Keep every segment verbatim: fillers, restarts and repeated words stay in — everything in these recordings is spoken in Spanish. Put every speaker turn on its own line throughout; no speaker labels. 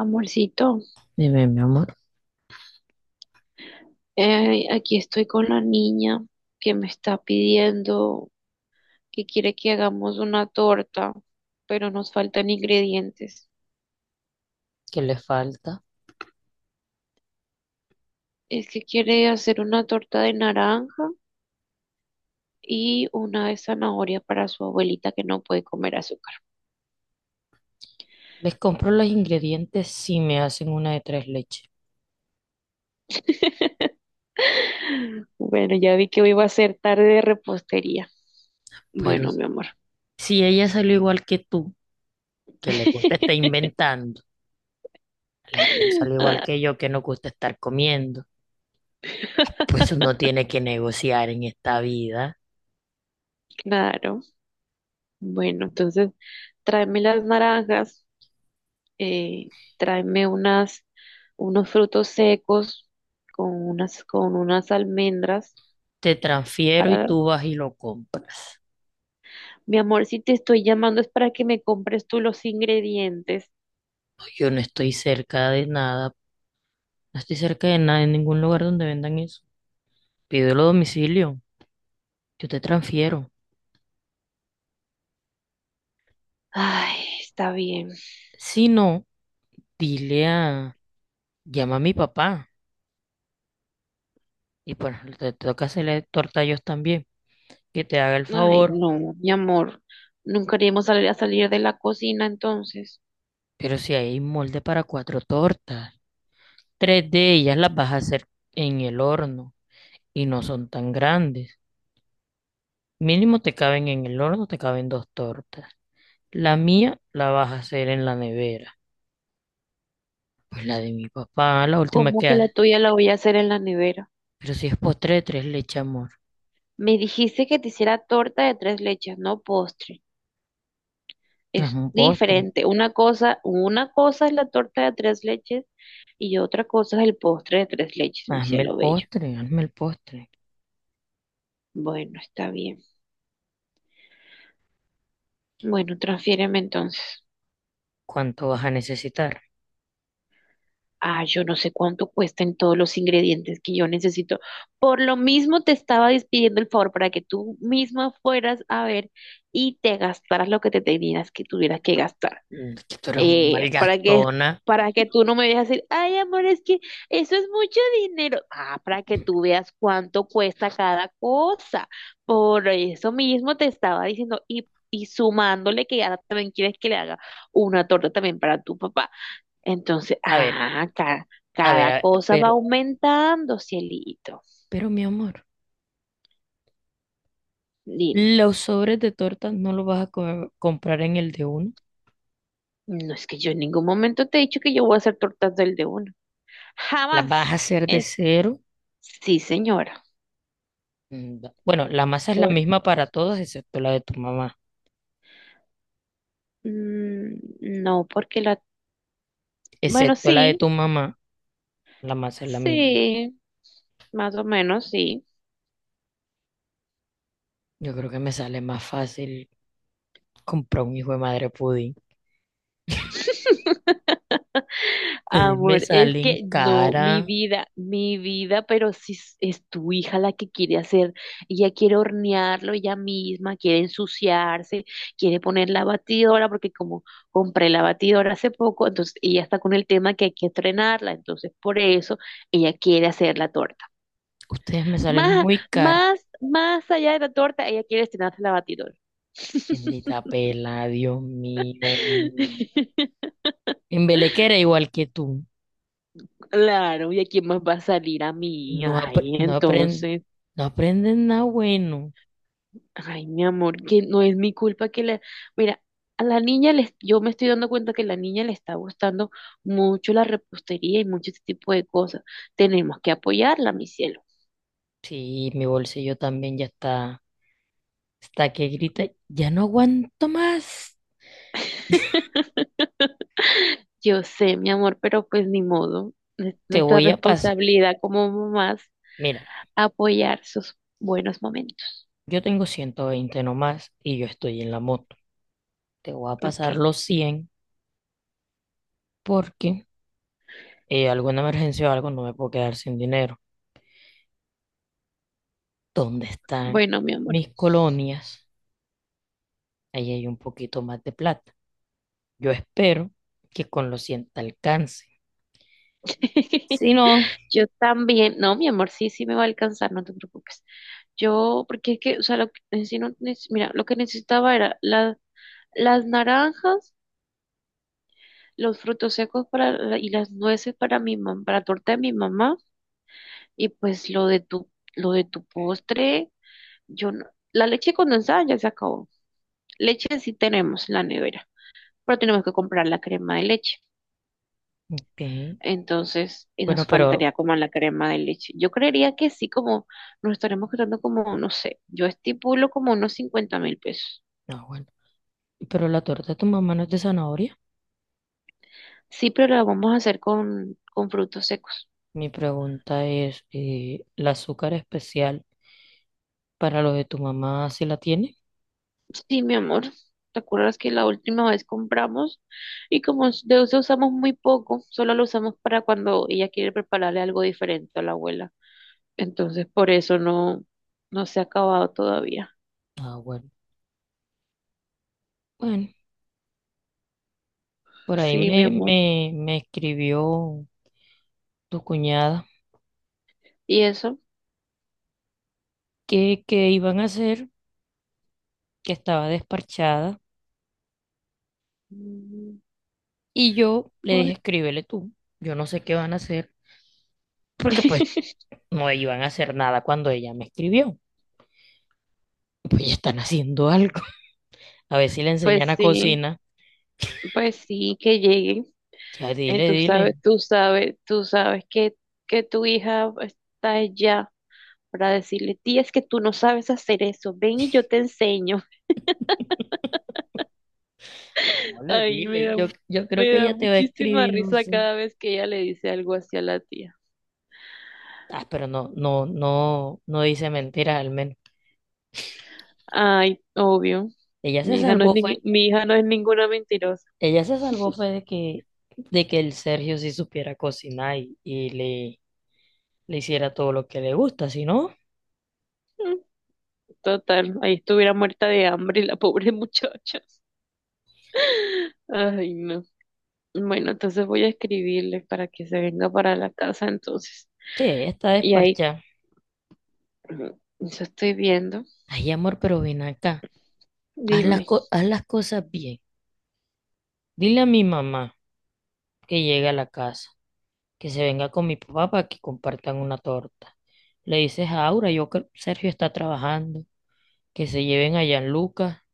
Amorcito,
Dime, mi amor,
eh, aquí estoy con la niña que me está pidiendo que quiere que hagamos una torta, pero nos faltan ingredientes.
¿qué les falta?
Es que quiere hacer una torta de naranja y una de zanahoria para su abuelita que no puede comer azúcar.
Les compro los ingredientes si me hacen una de tres leches.
Bueno, ya vi que hoy va a ser tarde de repostería.
Pero
Bueno, mi amor.
si ella salió igual que tú, que le gusta estar inventando. Alejandro salió igual
Ah,
que yo, que nos gusta estar comiendo, pues uno tiene que negociar en esta vida.
claro. Bueno, entonces tráeme las naranjas, eh, tráeme unas, unos frutos secos con unas, con unas almendras
Te transfiero y
para...
tú vas y lo compras.
Mi amor, si te estoy llamando es para que me compres tú los ingredientes.
Yo no estoy cerca de nada, no estoy cerca de nada en ningún lugar donde vendan eso. Pídelo a domicilio, yo te transfiero.
Ay, está bien.
Si no, dile a, llama a mi papá. Y pues te toca hacerle torta a ellos también, que te haga el
Ay,
favor.
no, mi amor, nunca queríamos salir a salir de la cocina entonces.
Pero si hay molde para cuatro tortas, tres de ellas las vas a hacer en el horno y no son tan grandes. Mínimo te caben en el horno, te caben dos tortas. La mía la vas a hacer en la nevera. Pues la de mi papá, la última
¿Cómo
que
que la
hace.
tuya la voy a hacer en la nevera?
Pero si es postre de tres leche, amor.
Me dijiste que te hiciera torta de tres leches, no postre. Es
Hazme un postre.
diferente. Una cosa, una cosa es la torta de tres leches y otra cosa es el postre de tres leches, mi
Hazme el
cielo bello.
postre, hazme el postre.
Bueno, está bien. Bueno, transfiéreme entonces.
¿Cuánto vas a necesitar?
Ah, yo no sé cuánto cuestan todos los ingredientes que yo necesito. Por lo mismo te estaba despidiendo el favor para que tú misma fueras a ver y te gastaras lo que te tenías que tuvieras que gastar.
Mm, que tú eres un
eh, para que,
malgastona.
para que tú no me vayas a decir, ay, amor, es que eso es mucho dinero. Ah, para que tú veas cuánto cuesta cada cosa. Por eso mismo te estaba diciendo, y, y sumándole que ahora también quieres que le haga una torta también para tu papá. Entonces,
A ver,
ah, cada,
a ver,
cada
a-
cosa va
pero
aumentando, cielito.
Pero mi amor,
Dime,
los sobres de tortas no los vas a co- comprar en el de uno,
no es que yo en ningún momento te he dicho que yo voy a hacer tortas del de uno.
las
Jamás.
vas a hacer de
Eh,
cero.
sí, señora.
Mm, da- Bueno, la masa es la
Por
misma para todas excepto la de tu mamá.
Mm, no, porque la... Bueno,
Excepto la de
sí,
tu mamá, la masa es la misma.
sí, más o menos, sí.
Yo creo que me sale más fácil comprar un hijo de madre pudín. Ustedes me
Amor, es
salen
que no, mi
cara,
vida, mi vida, pero si es, es tu hija la que quiere hacer, ella quiere hornearlo ella misma, quiere ensuciarse, quiere poner la batidora, porque como compré la batidora hace poco, entonces ella está con el tema que hay que estrenarla, entonces por eso ella quiere hacer la torta.
ustedes me salen
Más,
muy cara.
más, más allá de la torta, ella quiere estrenarse la batidora.
Bendita pela, Dios mío. En Belequera igual que tú.
Claro, ¿y a quién más va a salir a mí?
No, apre-
Ay,
no, apren-
entonces,
no aprenden nada bueno.
ay, mi amor, que no es mi culpa que la... Mira, a la niña les... yo me estoy dando cuenta que la niña le está gustando mucho la repostería y mucho este tipo de cosas. Tenemos que apoyarla, mi cielo.
Sí, mi bolsillo también ya está, está que grita, ya no aguanto más,
Yo sé, mi amor, pero pues ni modo. Es
te
nuestra
voy a pasar,
responsabilidad como mamás
mira,
apoyar sus buenos momentos.
yo tengo ciento veinte nomás y yo estoy en la moto, te voy a pasar
Ok,
los cien porque eh, alguna emergencia o algo no me puedo quedar sin dinero. ¿Dónde están
bueno, mi amor.
mis colonias? Ahí hay un poquito más de plata. Yo espero que con los cien te alcance. Si no,
Yo también, no, mi amor, sí, sí me va a alcanzar, no te preocupes. Yo, porque es que, o sea, lo que, en sí no neces- mira, lo que necesitaba era la- las naranjas, los frutos secos para, la- y las nueces para mi mam- para la torta de mi mamá, y pues lo de tu, lo de tu postre, yo no, la leche condensada ya se acabó. Leche sí tenemos en la nevera, pero tenemos que comprar la crema de leche.
ok,
Entonces, y
bueno,
nos
pero,
faltaría como la crema de leche. Yo creería que sí, como nos estaremos quedando como, no sé, yo estipulo como unos cincuenta mil pesos.
no, bueno, pero la torta de tu mamá no es de zanahoria.
Sí, pero la vamos a hacer con, con frutos secos.
Mi pregunta es, eh, ¿el azúcar especial para lo de tu mamá si la tiene?
Sí, mi amor, ¿te acuerdas que la última vez compramos y como s- de eso usamos muy poco, solo lo usamos para cuando ella quiere prepararle algo diferente a la abuela? Entonces, por eso no, no se ha acabado todavía.
Ah, bueno. Bueno, por ahí
Sí, mi
me,
amor.
me, me escribió tu cuñada
¿Y eso?
que, que iban a hacer, que estaba desparchada,
Mm.
y yo le dije,
Bueno.
escríbele tú. Yo no sé qué van a hacer, porque pues no iban a hacer nada cuando ella me escribió. Pues ya están haciendo algo. A ver si le
Pues
enseñan a
sí,
cocinar.
pues sí, que llegue.
Ya
Eh,
dile,
tú
dile.
sabes, tú sabes, tú sabes que, que tu hija está allá para decirle, tía, es que tú no sabes hacer eso, ven y yo te enseño.
No, le
Ay, me
dile.
da,
Yo, yo creo
me
que
da
ella te va a
muchísima
escribir, no
risa
sé.
cada vez que ella le dice algo así a la tía.
Ah, pero no, no, no, no dice mentira al menos.
Ay, obvio,
Ella se
mi hija no es,
salvó fue,
ning- mi hija no es ninguna mentirosa.
ella se salvó fue de que, de que el Sergio sí supiera cocinar y, y le, le hiciera todo lo que le gusta, si no,
Mm. Total, ahí estuviera muerta de hambre la pobre muchacha. Ay, no. Bueno, entonces voy a escribirle para que se venga para la casa entonces.
sí, ella está
Y ahí
desparchada.
eso estoy viendo.
Ay, amor, pero ven acá, haz las,
Dime.
co- haz las cosas bien. Dile a mi mamá que llegue a la casa, que se venga con mi papá para que compartan una torta. Le dices a Aura, yo creo que Sergio está trabajando, que se lleven a Gianluca.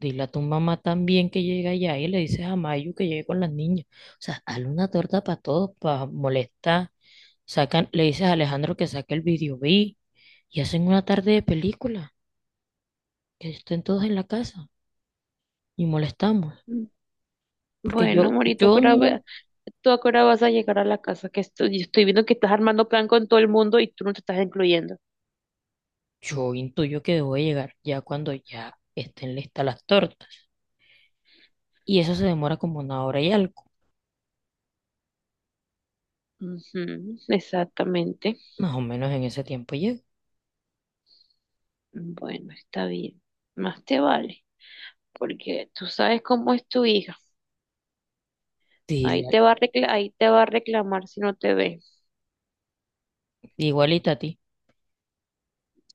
Dile a tu mamá también que llegue allá y le dices a Mayu que llegue con las niñas. O sea, hazle una torta para todos, para molestar. Sacan, le dices a Alejandro que saque el video B y hacen una tarde de película, que estén todos en la casa y molestamos. Porque
Bueno,
yo,
amorito, ¿a qué
yo
hora
no,
va- ¿tú a qué hora vas a llegar a la casa? Que estoy, yo estoy viendo que estás armando plan con todo el mundo y tú no te estás incluyendo.
yo intuyo que debo de llegar ya cuando ya estén listas las tortas. Y eso se demora como una hora y algo.
Ujú, exactamente.
Más o menos en ese tiempo llego.
Bueno, está bien. Más te vale, porque tú sabes cómo es tu hija. Ahí
Dile,
te va a recla- ahí te va a reclamar si no te ve.
igualita a ti,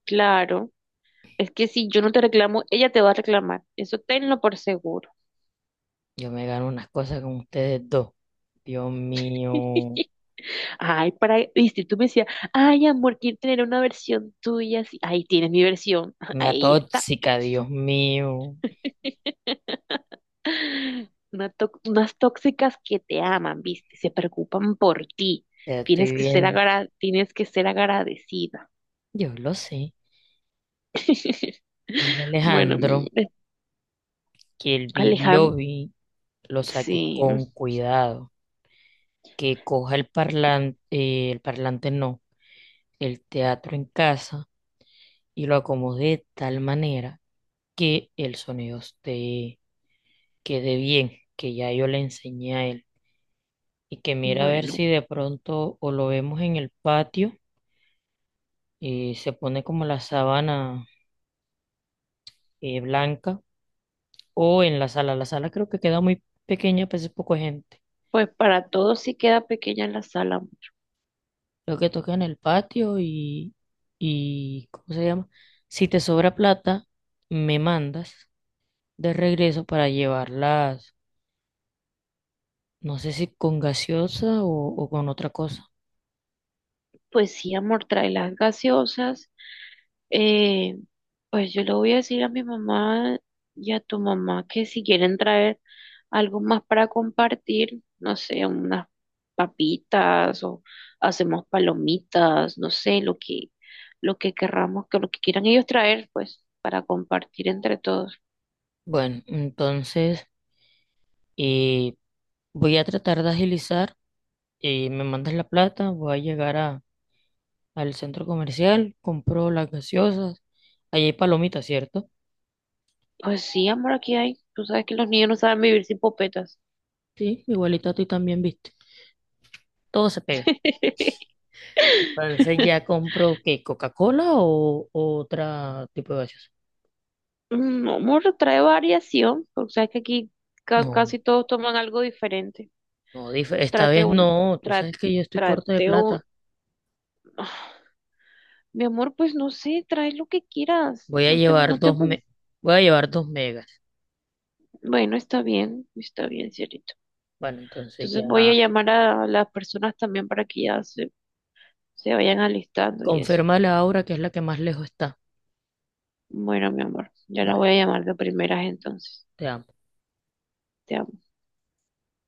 Claro. Es que si yo no te reclamo, ella te va a reclamar. Eso tenlo por seguro.
yo me gano unas cosas con ustedes dos. Dios mío.
Ay, para, viste tú me decías, ay, amor, quiero tener una versión tuya. Así". Ahí tienes mi versión.
Una
Ahí está.
tóxica, Dios mío.
Una tó- unas tóxicas que te aman, ¿viste? Se preocupan por ti.
Ya
Tienes
estoy
que ser
bien.
agra- tienes que ser agradecida.
Yo lo sé. Dile a
Bueno, mi
Alejandro
amor,
que el video
Alejandro,
vi lo saque
sí.
con cuidado. Que coja el parlante, el parlante no, el teatro en casa y lo acomode de tal manera que el sonido esté, quede bien, que ya yo le enseñé a él. Y que mira a ver
Bueno,
si de pronto o lo vemos en el patio y se pone como la sábana eh, blanca. O en la sala. La sala creo que queda muy pequeña, pues es poco gente.
pues para todos sí queda pequeña la sala.
Lo que toca en el patio y, y, ¿cómo se llama? Si te sobra plata, me mandas de regreso para llevarlas, no sé si con gaseosa o, o con otra cosa.
Pues sí, amor, trae las gaseosas. Eh, pues yo le voy a decir a mi mamá y a tu mamá que si quieren traer algo más para compartir, no sé, unas papitas o hacemos palomitas, no sé, lo que, lo que querramos, que lo que quieran ellos traer, pues, para compartir entre todos.
Bueno, entonces eh, voy a tratar de agilizar. eh, me mandas la plata, voy a llegar a, al centro comercial, compro las gaseosas. Allí hay palomitas, ¿cierto?
Pues sí, amor, aquí hay. Tú sabes que los niños no saben vivir sin popetas.
Sí, igualito a ti también, viste. Todo se pega. Entonces ya compro qué, Coca-Cola o, o otra tipo de gaseosa.
Mm, amor, trae variación, porque sabes que aquí ca-
No,
casi todos toman algo diferente.
no, dif- esta
Trate
vez
un,
no, tú
tra-
sabes que yo estoy corta de
trate un.
plata.
ah, Mi amor, pues no sé, trae lo que quieras.
Voy a
No te,
llevar
no te,
dos
pre-
me- Voy a llevar dos megas.
bueno, está bien, está bien, cielito.
Bueno, entonces
Entonces
ya
voy a llamar a las personas también para que ya se, se vayan alistando y eso.
confirma la Aura que es la que más lejos está.
Bueno, mi amor, ya la voy
Vale,
a llamar de primeras entonces.
te amo.
Te